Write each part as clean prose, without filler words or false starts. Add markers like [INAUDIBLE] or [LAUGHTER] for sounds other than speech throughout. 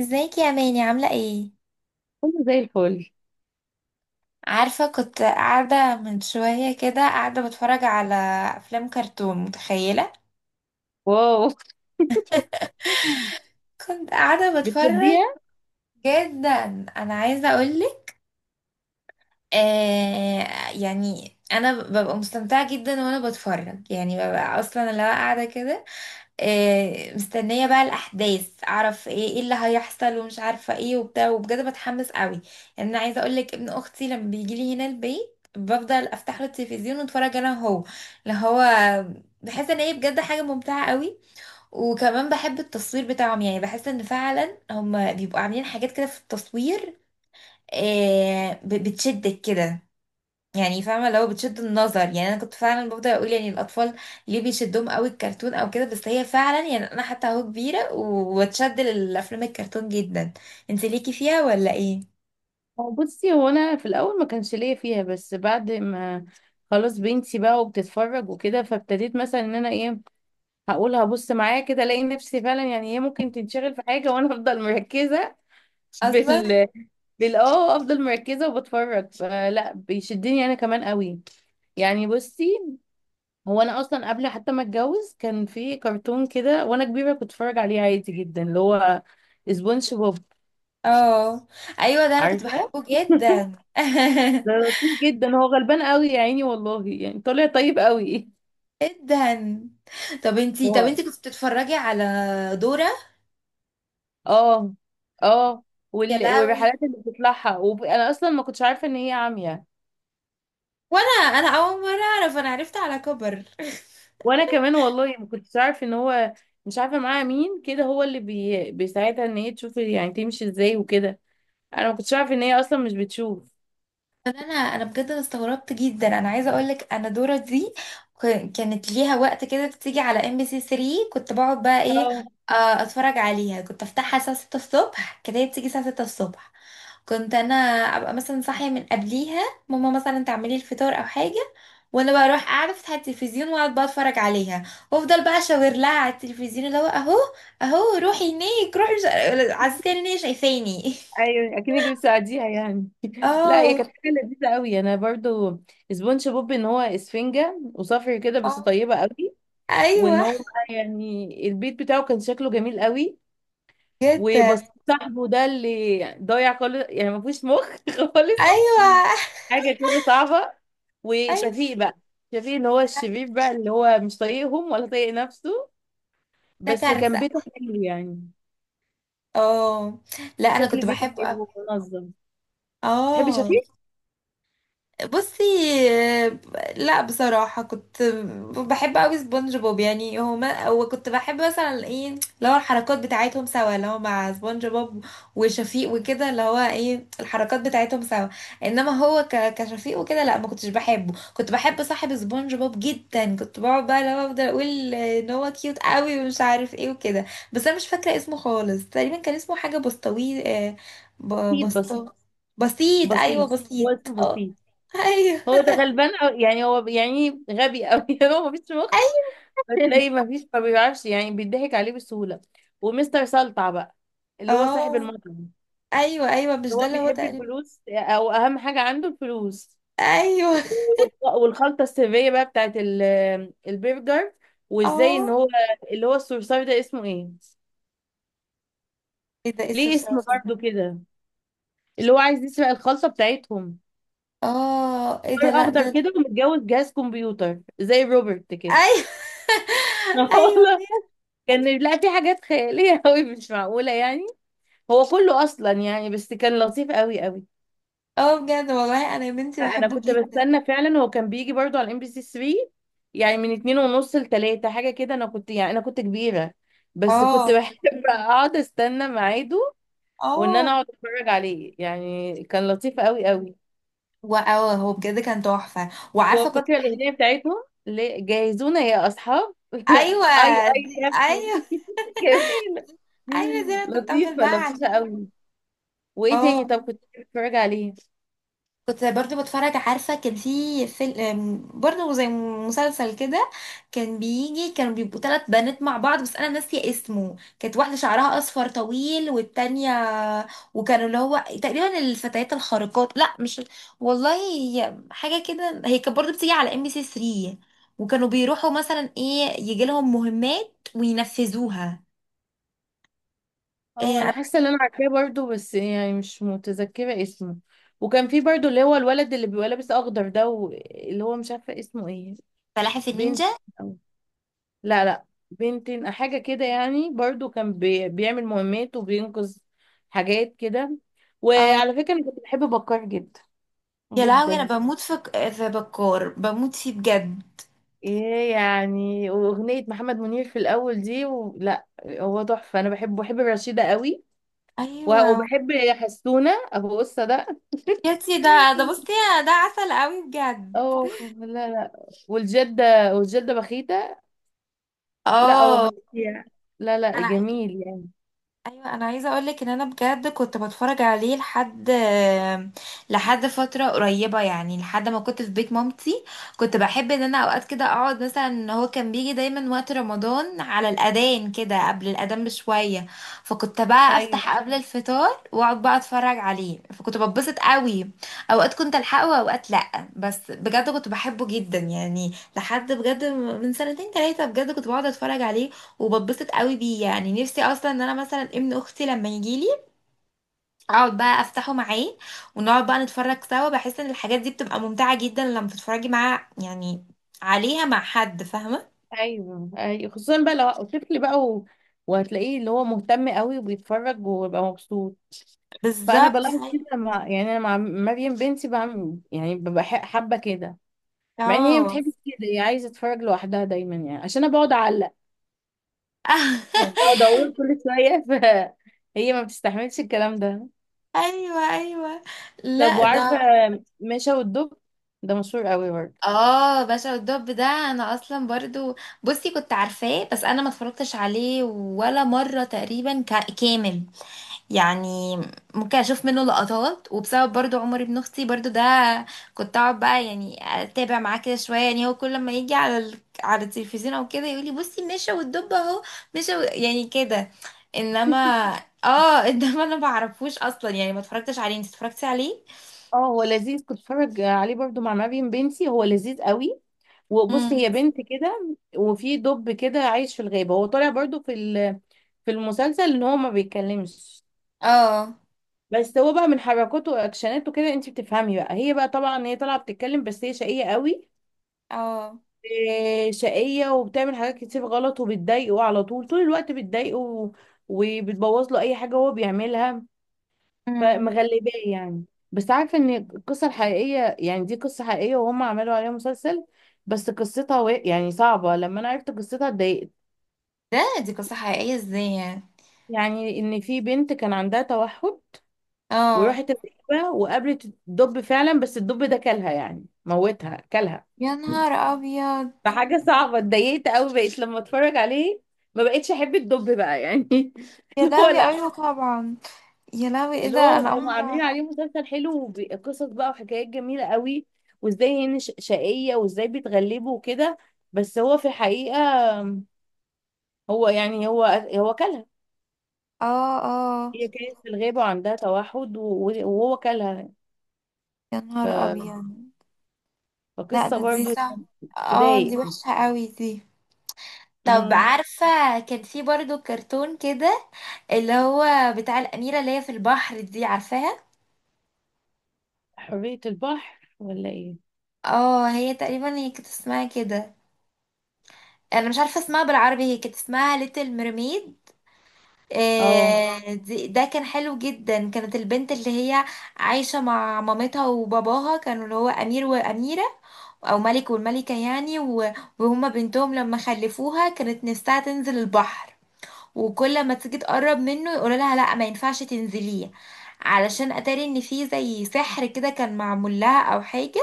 ازيك يا ماني عاملة ايه؟ كله زي الفل. عارفة كنت قاعدة من شوية كده قاعدة بتفرج على أفلام كرتون متخيلة؟ واو. [LAUGHS] كنت قاعدة بتفرج بتحبيها؟ جدا. أنا عايزة أقولك آه. يعني أنا ببقى مستمتعة جدا وأنا بتفرج، يعني ببقى أصلا اللي هو قاعدة كده. مستنية بقى الأحداث، أعرف إيه إيه اللي هيحصل ومش عارفة إيه وبتاع، وبجد بتحمس قوي. يعني أنا عايزة أقولك ابن أختي لما بيجيلي هنا البيت بفضل أفتح له التلفزيون وأتفرج أنا وهو اللي هو، بحس إن هي بجد حاجة ممتعة قوي. وكمان بحب التصوير بتاعهم، يعني بحس إن فعلا هم بيبقوا عاملين حاجات كده في التصوير. بتشدك كده، يعني فاهمه لو بتشد النظر. يعني انا كنت فعلا بفضل اقول يعني الاطفال ليه بيشدهم قوي الكرتون او كده، بس هي فعلا يعني انا حتى اهو كبيره واتشد للافلام الكرتون جدا. انت ليكي فيها ولا ايه؟ هو، بصي، هو انا في الاول ما كانش ليا فيها، بس بعد ما خلاص بنتي بقى وبتتفرج وكده، فابتديت مثلا ان انا ايه، هقول هبص معايا كده، الاقي نفسي فعلا يعني هي ممكن تنشغل في حاجه وانا [LAUGHS] افضل مركزه في اصلا. ال بال اه افضل مركزه وبتفرج، فلا بيشدني انا كمان قوي. يعني بصي، هو انا اصلا قبل حتى ما اتجوز كان في كرتون كده وانا كبيره كنت اتفرج عليه عادي جدا، اللي هو سبونج بوب، اه ايوه، ده انا كنت عارفه؟ بحبه جدا ده [LAUGHS] لطيف جدا، هو غلبان قوي يا عيني، والله يعني طالع طيب قوي. جدا. طب انتي طب هو انتي كنت بتتفرجي على دورة؟ اه اه يا لهوي. والرحلات اللي بتطلعها، انا اصلا ما كنتش عارفه ان هي عمياء. وانا، انا اول مره اعرف، انا عرفت على كبر. وانا كمان والله ما كنتش عارفه ان هو مش عارفه معاها مين كده، هو اللي بيساعدها ان هي تشوف يعني تمشي ازاي وكده. انا ما كنتش عارفه ان هي اصلا مش بتشوف. طب انا بجد أنا استغربت جدا. انا عايزه اقول لك انا دورة دي كانت ليها وقت كده، بتيجي على MBC 3. كنت بقعد بقى ايه، اه، آه، اتفرج عليها. كنت افتحها الساعه 6 الصبح، كانت هي بتيجي الساعه 6 الصبح. كنت انا ابقى مثلا صاحيه من قبليها، ماما مثلا تعملي الفطار او حاجه، وانا بقى اروح قاعده افتح التلفزيون واقعد بقى اتفرج عليها. وافضل بقى اشاور لها على التلفزيون اللي هو اهو، اهو روحي هناك، روحي عزيزتي ان هي شايفاني [LAUGHS] ايوه، اكنك بتساعديها يعني. [LAUGHS] لا هي اه. كانت حاجه لذيذه قوي، انا برضو سبونج بوب ان هو اسفنجه وصفر كده بس اه طيبه قوي. وان ايوه، هو بقى يعني البيت بتاعه كان شكله جميل قوي، بجد. وبس. صاحبه ده اللي ضايع خالص يعني ما فيهوش مخ [LAUGHS] خالص، ايوه حاجه كده صعبه. ايوه وشفيق بقى، شفيق اللي هو الشبيب بقى، اللي هو مش طايقهم ولا طايق نفسه، ده بس كان كارثه. بيته حلو يعني. اه لا انا كنت شكل بيته بحبه قوي. حلو ومنظم. بتحبي اه، شفيق؟ بصي. آه، لا بصراحة كنت بحب قوي سبونج بوب، يعني هما. وكنت بحب مثلا ايه اللي هو الحركات بتاعتهم سوا اللي هو مع سبونج بوب وشفيق وكده، اللي هو ايه الحركات بتاعتهم سوا. انما هو كشفيق وكده لا ما كنتش بحبه. كنت بحب صاحب سبونج بوب جدا، كنت بقعد بقى اللي هو افضل اقول ان هو كيوت قوي ومش عارف ايه وكده. بس انا مش فاكرة اسمه خالص، تقريبا كان اسمه حاجة بسطوي. بسيط، بس بسطو. بسيط، ايوه بسيط. هو بسيط. اسمه آه. بسيط. ايوه هو ده غلبان، أو يعني هو يعني غبي قوي، [LAUGHS] هو مفيش مخ. ايوه بتلاقي ما فيش، ما بيعرفش يعني، بيضحك عليه بسهولة. ومستر سلطع بقى [LAUGHS] اللي هو صاحب اه المطعم، ايوه ايوه، مش ده هو اللي هو بيحب تقريبا؟ الفلوس او اهم حاجة عنده الفلوس. ايوه. والخلطة السرية بقى بتاعت البرجر. وازاي ان اه هو اللي هو الصرصار ده اسمه ايه، ايه ده، ايه ليه اسم الصرصار ده؟ برضه كده، اللي هو عايز يسرق الخلطة بتاعتهم. اه ايه ده، صار لا اخضر ده كده ومتجوز جهاز كمبيوتر زي روبرت كده. ايوه [LAUGHS] [LAUGHS] والله، ايوه. كان لا، في حاجات خيالية قوي مش معقولة يعني. هو كله اصلا يعني، بس كان لطيف قوي قوي. اه بجد والله انا يا بنتي لا انا بحبه كنت جدا. بستنى فعلا، هو كان بيجي برضو على MBC 3 يعني من اتنين ونص لتلاتة حاجه كده، انا كنت يعني انا كنت كبيره بس كنت اه. بحب [LAUGHS] اقعد استنى ميعاده وان اه انا اقعد اتفرج عليه، يعني كان لطيف قوي قوي. واه هو بجد كان تحفه. وعارفه كنت، وفاكره الاغنيه بتاعتهم، جهزونا يا اصحاب، [LAUGHS] ايوه اي اي دي. كابتن. ايوه [LAUGHS] جميله، ايوه زي ما كنت افضل لطيفه، بقى لطيفه عليه. قوي. وايه تاني اه طب كنت بتتفرج عليه؟ كنت برضو بتفرج. عارفة كان في فيلم برضو زي مسلسل كده، كان بيجي كانوا بيبقوا ثلاث بنات مع بعض بس أنا ناسية اسمه. كانت واحدة شعرها أصفر طويل، والتانية، وكانوا اللي هو تقريبا الفتيات الخارقات، لا مش والله. هي حاجة كده هي كانت برضو بتيجي على ام بي سي 3، وكانوا بيروحوا مثلا ايه يجي لهم مهمات وينفذوها. إيه اه انا أنا. حاسه ان انا عارفاه برضو بس يعني مش متذكره اسمه. وكان في برضو اللي هو الولد اللي بيبقى لابس اخضر ده، اللي هو مش عارفه اسمه ايه، فلاحف بنت النينجا. أو، لا لا، بنتين حاجه كده يعني، برضو كان بيعمل مهمات وبينقذ حاجات كده. وعلى فكره انا كنت بحب بكار جدا، يا لهوي أنا جدا. بموت في بكار، بموت فيه بجد. ايه يعني واغنيه محمد منير في الاول دي، و... لا هو تحفه، انا بحبه، بحب رشيده قوي، أيوة. وبحب حسونه ابو قصه ده. يا [LAUGHS] تي ده، ده بصي ده عسل قوي بجد. اه، لا لا، والجدة، والجدة بخيتة، لا هو اه فظيع، لا لا انا عايزه. جميل يعني. ايوه انا عايزه اقولك ان انا بجد كنت بتفرج عليه لحد فتره قريبه، يعني لحد ما كنت في بيت مامتي. كنت بحب ان انا اوقات كده اقعد مثلا، هو كان بيجي دايما وقت رمضان على الاذان كده، قبل الاذان بشويه. فكنت بقى ايوه، افتح قبل الفطار واقعد بقى اتفرج عليه فكنت بتبسط قوي. اوقات كنت الحقه واوقات لا. بس بجد كنت بحبه جدا يعني، لحد بجد من سنتين ثلاثه بجد كنت بقعد اتفرج عليه وبتبسط قوي بيه. يعني نفسي اصلا ان انا مثلا ابن اختي لما يجيلي اقعد بقى افتحه معاه ونقعد بقى نتفرج سوا. بحس ان الحاجات دي بتبقى ممتعة جدا لما تتفرجي معاه يعني، عليها مع حد، فاهمة؟ ايوه، ايوه، خصوصا بقى لو طفل بقى، وهتلاقيه اللي هو مهتم قوي وبيتفرج وبيبقى مبسوط. فانا بالظبط بلاحظ أيوة. كده مع يعني انا مع مريم بنتي بعمل يعني ببقى حابه كده، مع ان هي ما اه بتحبش كده، هي عايزه تتفرج لوحدها دايما يعني، عشان انا بقعد اعلق يعني، [LAUGHS] بقعد اقول كل شويه، فهي [LAUGHS] ما بتستحملش الكلام ده. ايوه ايوه. طب لا وعارفه، ده. مشا والدب، ده مشهور قوي برضه. اه باشا والدب، ده انا اصلا برضو بصي كنت عارفاه بس انا ما اتفرجتش عليه ولا مرة تقريبا كامل يعني. ممكن اشوف منه لقطات، وبسبب برضو عمر ابن اختي برضو ده كنت اقعد بقى يعني اتابع معاه كده شويه. يعني هو كل ما يجي على على التلفزيون او كده يقول لي بصي مشى والدب اهو، مشى يعني كده. انما اه [LAUGHS] انما انا ما بعرفوش اصلا، يعني ما اتفرجتش عليه. انت اتفرجتي عليه؟ اه هو لذيذ، كنت بتفرج عليه برضو مع مريم بنتي، هو لذيذ قوي. وبص، هي امم بنت كده وفي دب كده عايش في الغابة، هو طالع برضو في المسلسل ان هو ما بيتكلمش، اه. بس هو بقى من حركاته واكشناته كده انت بتفهمي بقى، هي بقى طبعا هي طالعة بتتكلم بس هي شقية قوي، اه. إيه، شقية وبتعمل حاجات كتير غلط وبتضايقه على طول، طول الوقت بتضايقه وبتبوظ له اي حاجة هو بيعملها، مم. فمغلباه يعني. بس عارفه ان القصه الحقيقيه، يعني دي قصه حقيقيه وهم عملوا عليها مسلسل، بس قصتها و... يعني صعبه، لما انا عرفت قصتها اتضايقت. ده دي قصه حقيقيه ازاي يعني؟ يعني ان في بنت كان عندها توحد، اه. وراحت الغابه وقابلت الدب فعلا، بس الدب ده كلها يعني، موتها كلها، يا نهار ابيض. فحاجه صعبه، اتضايقت قوي، بقيت لما اتفرج عليه ما بقتش احب الدب بقى يعني. [LAUGHS] يا اللي هو لهوي، لا، ايوه طبعا. يا لهوي ايه اللي ده، هو انا اول هم عاملين مره. عليه مسلسل حلو وقصص بقى وحكايات جميلة قوي، وازاي هن شقية وازاي بيتغلبوا وكده، بس هو في الحقيقة، هو يعني هو كلها، اه. اه. هي كانت في الغابة وعندها توحد وهو كلها. يا نهار ف- ابيض. لا فقصة ده دي برضو صح. يعني اه دي تضايق. وحشة قوي دي. طب أمم، عارفة، كان في برضو كرتون كده اللي هو بتاع الأميرة اللي هي في البحر دي، عارفاها؟ حرية البحر ولا ايه؟ اه، هي تقريبا هي كانت اسمها كده. أنا مش عارفة اسمها بالعربي، هي كانت اسمها ليتل ميرميد. اه، ده كان حلو جدا. كانت البنت اللي هي عايشة مع مامتها وباباها، كانوا اللي هو أمير وأميرة، او ملك والملكة يعني. وهما بنتهم لما خلفوها كانت نفسها تنزل البحر. وكل ما تيجي تقرب منه يقولوا لها لا ما ينفعش تنزليه، علشان اتاري ان في زي سحر كده كان معمول لها او حاجة.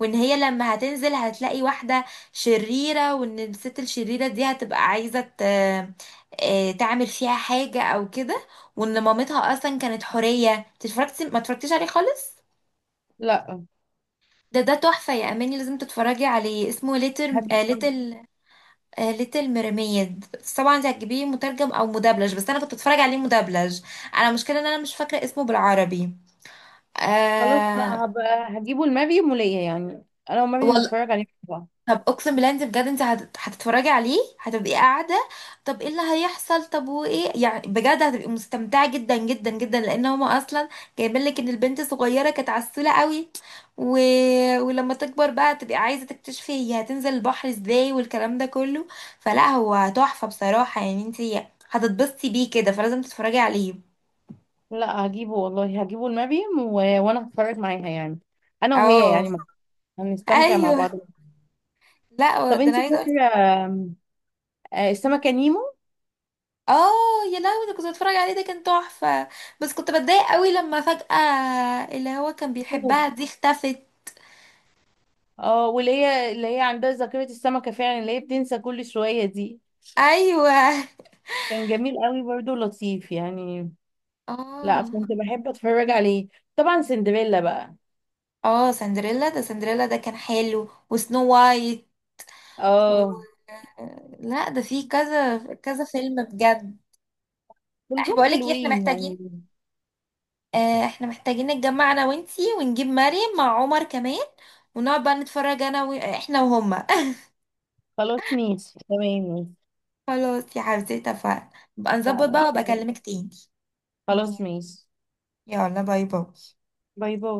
وان هي لما هتنزل هتلاقي واحدة شريرة، وان الست الشريرة دي هتبقى عايزة تعمل فيها حاجة او كده. وان مامتها اصلا كانت حورية. إنت اتفرجتي ما اتفرجتيش عليه خالص؟ لا ده تحفة يا أماني، لازم تتفرجي عليه. اسمه ليتل، هجيبه، آه ليتل ميرميد. طبعا انت هتجيبيه مترجم او مدبلج، بس انا كنت بتفرج عليه مدبلج. انا مشكله ان انا مش فاكره اسمه بالعربي. اه خلاص، لا آه. هبقى هجيبه لمريم وليا يعني، انا ومريم والله نتفرج عليه مع بعض. طب اقسم بالله، انت بجد انت هتتفرجي عليه هتبقي قاعده طب ايه اللي هيحصل؟ طب وايه يعني بجد هتبقي مستمتعه جدا جدا جدا، لان هما اصلا جايبين لك ان البنت صغيره كانت عسوله قوي و... ولما تكبر بقى تبقي عايزه تكتشفي هي هتنزل البحر ازاي، والكلام ده كله. فلا هو تحفه بصراحه، يعني انت هتتبسطي بيه كده، فلازم تتفرجي عليه. لا هجيبه والله، هجيبه المريم، و... وانا هتفرج معاها يعني، انا وهي اه يعني، هنستمتع مع ايوه. بعض. لا طب ده انا انت عايزه أقول. فاكره آم، السمكه نيمو؟ اه يا لهوي، ده كنت بتفرج عليه، ده كان تحفة. بس كنت بتضايق قوي لما فجأة اللي هو كان بيحبها دي اختفت. اه واللي هي اللي هي عندها ذاكره السمكه فعلا، اللي هي بتنسى كل شويه دي، ايوه. كان جميل قوي برضه لطيف يعني. لا اه. كنت بحب اتفرج عليه. طبعا سندريلا بقى. اه سندريلا، ده سندريلا ده كان حلو، وسنو وايت و... اه لا ده فيه كذا كذا فيلم بجد. احنا كلهم بقولك ايه، احنا حلوين يعني. محتاجين، احنا محتاجين نتجمع انا وانتي ونجيب مريم مع عمر كمان، ونقعد بقى نتفرج انا احنا وهما خلاص ماشي تمام. [LAUGHS] خلاص يا حبيبتي اتفقنا. بقى نظبط بقى، وابقى ماشي، اكلمك تاني. خلاص، ماشي. يلا باي باي باي باي.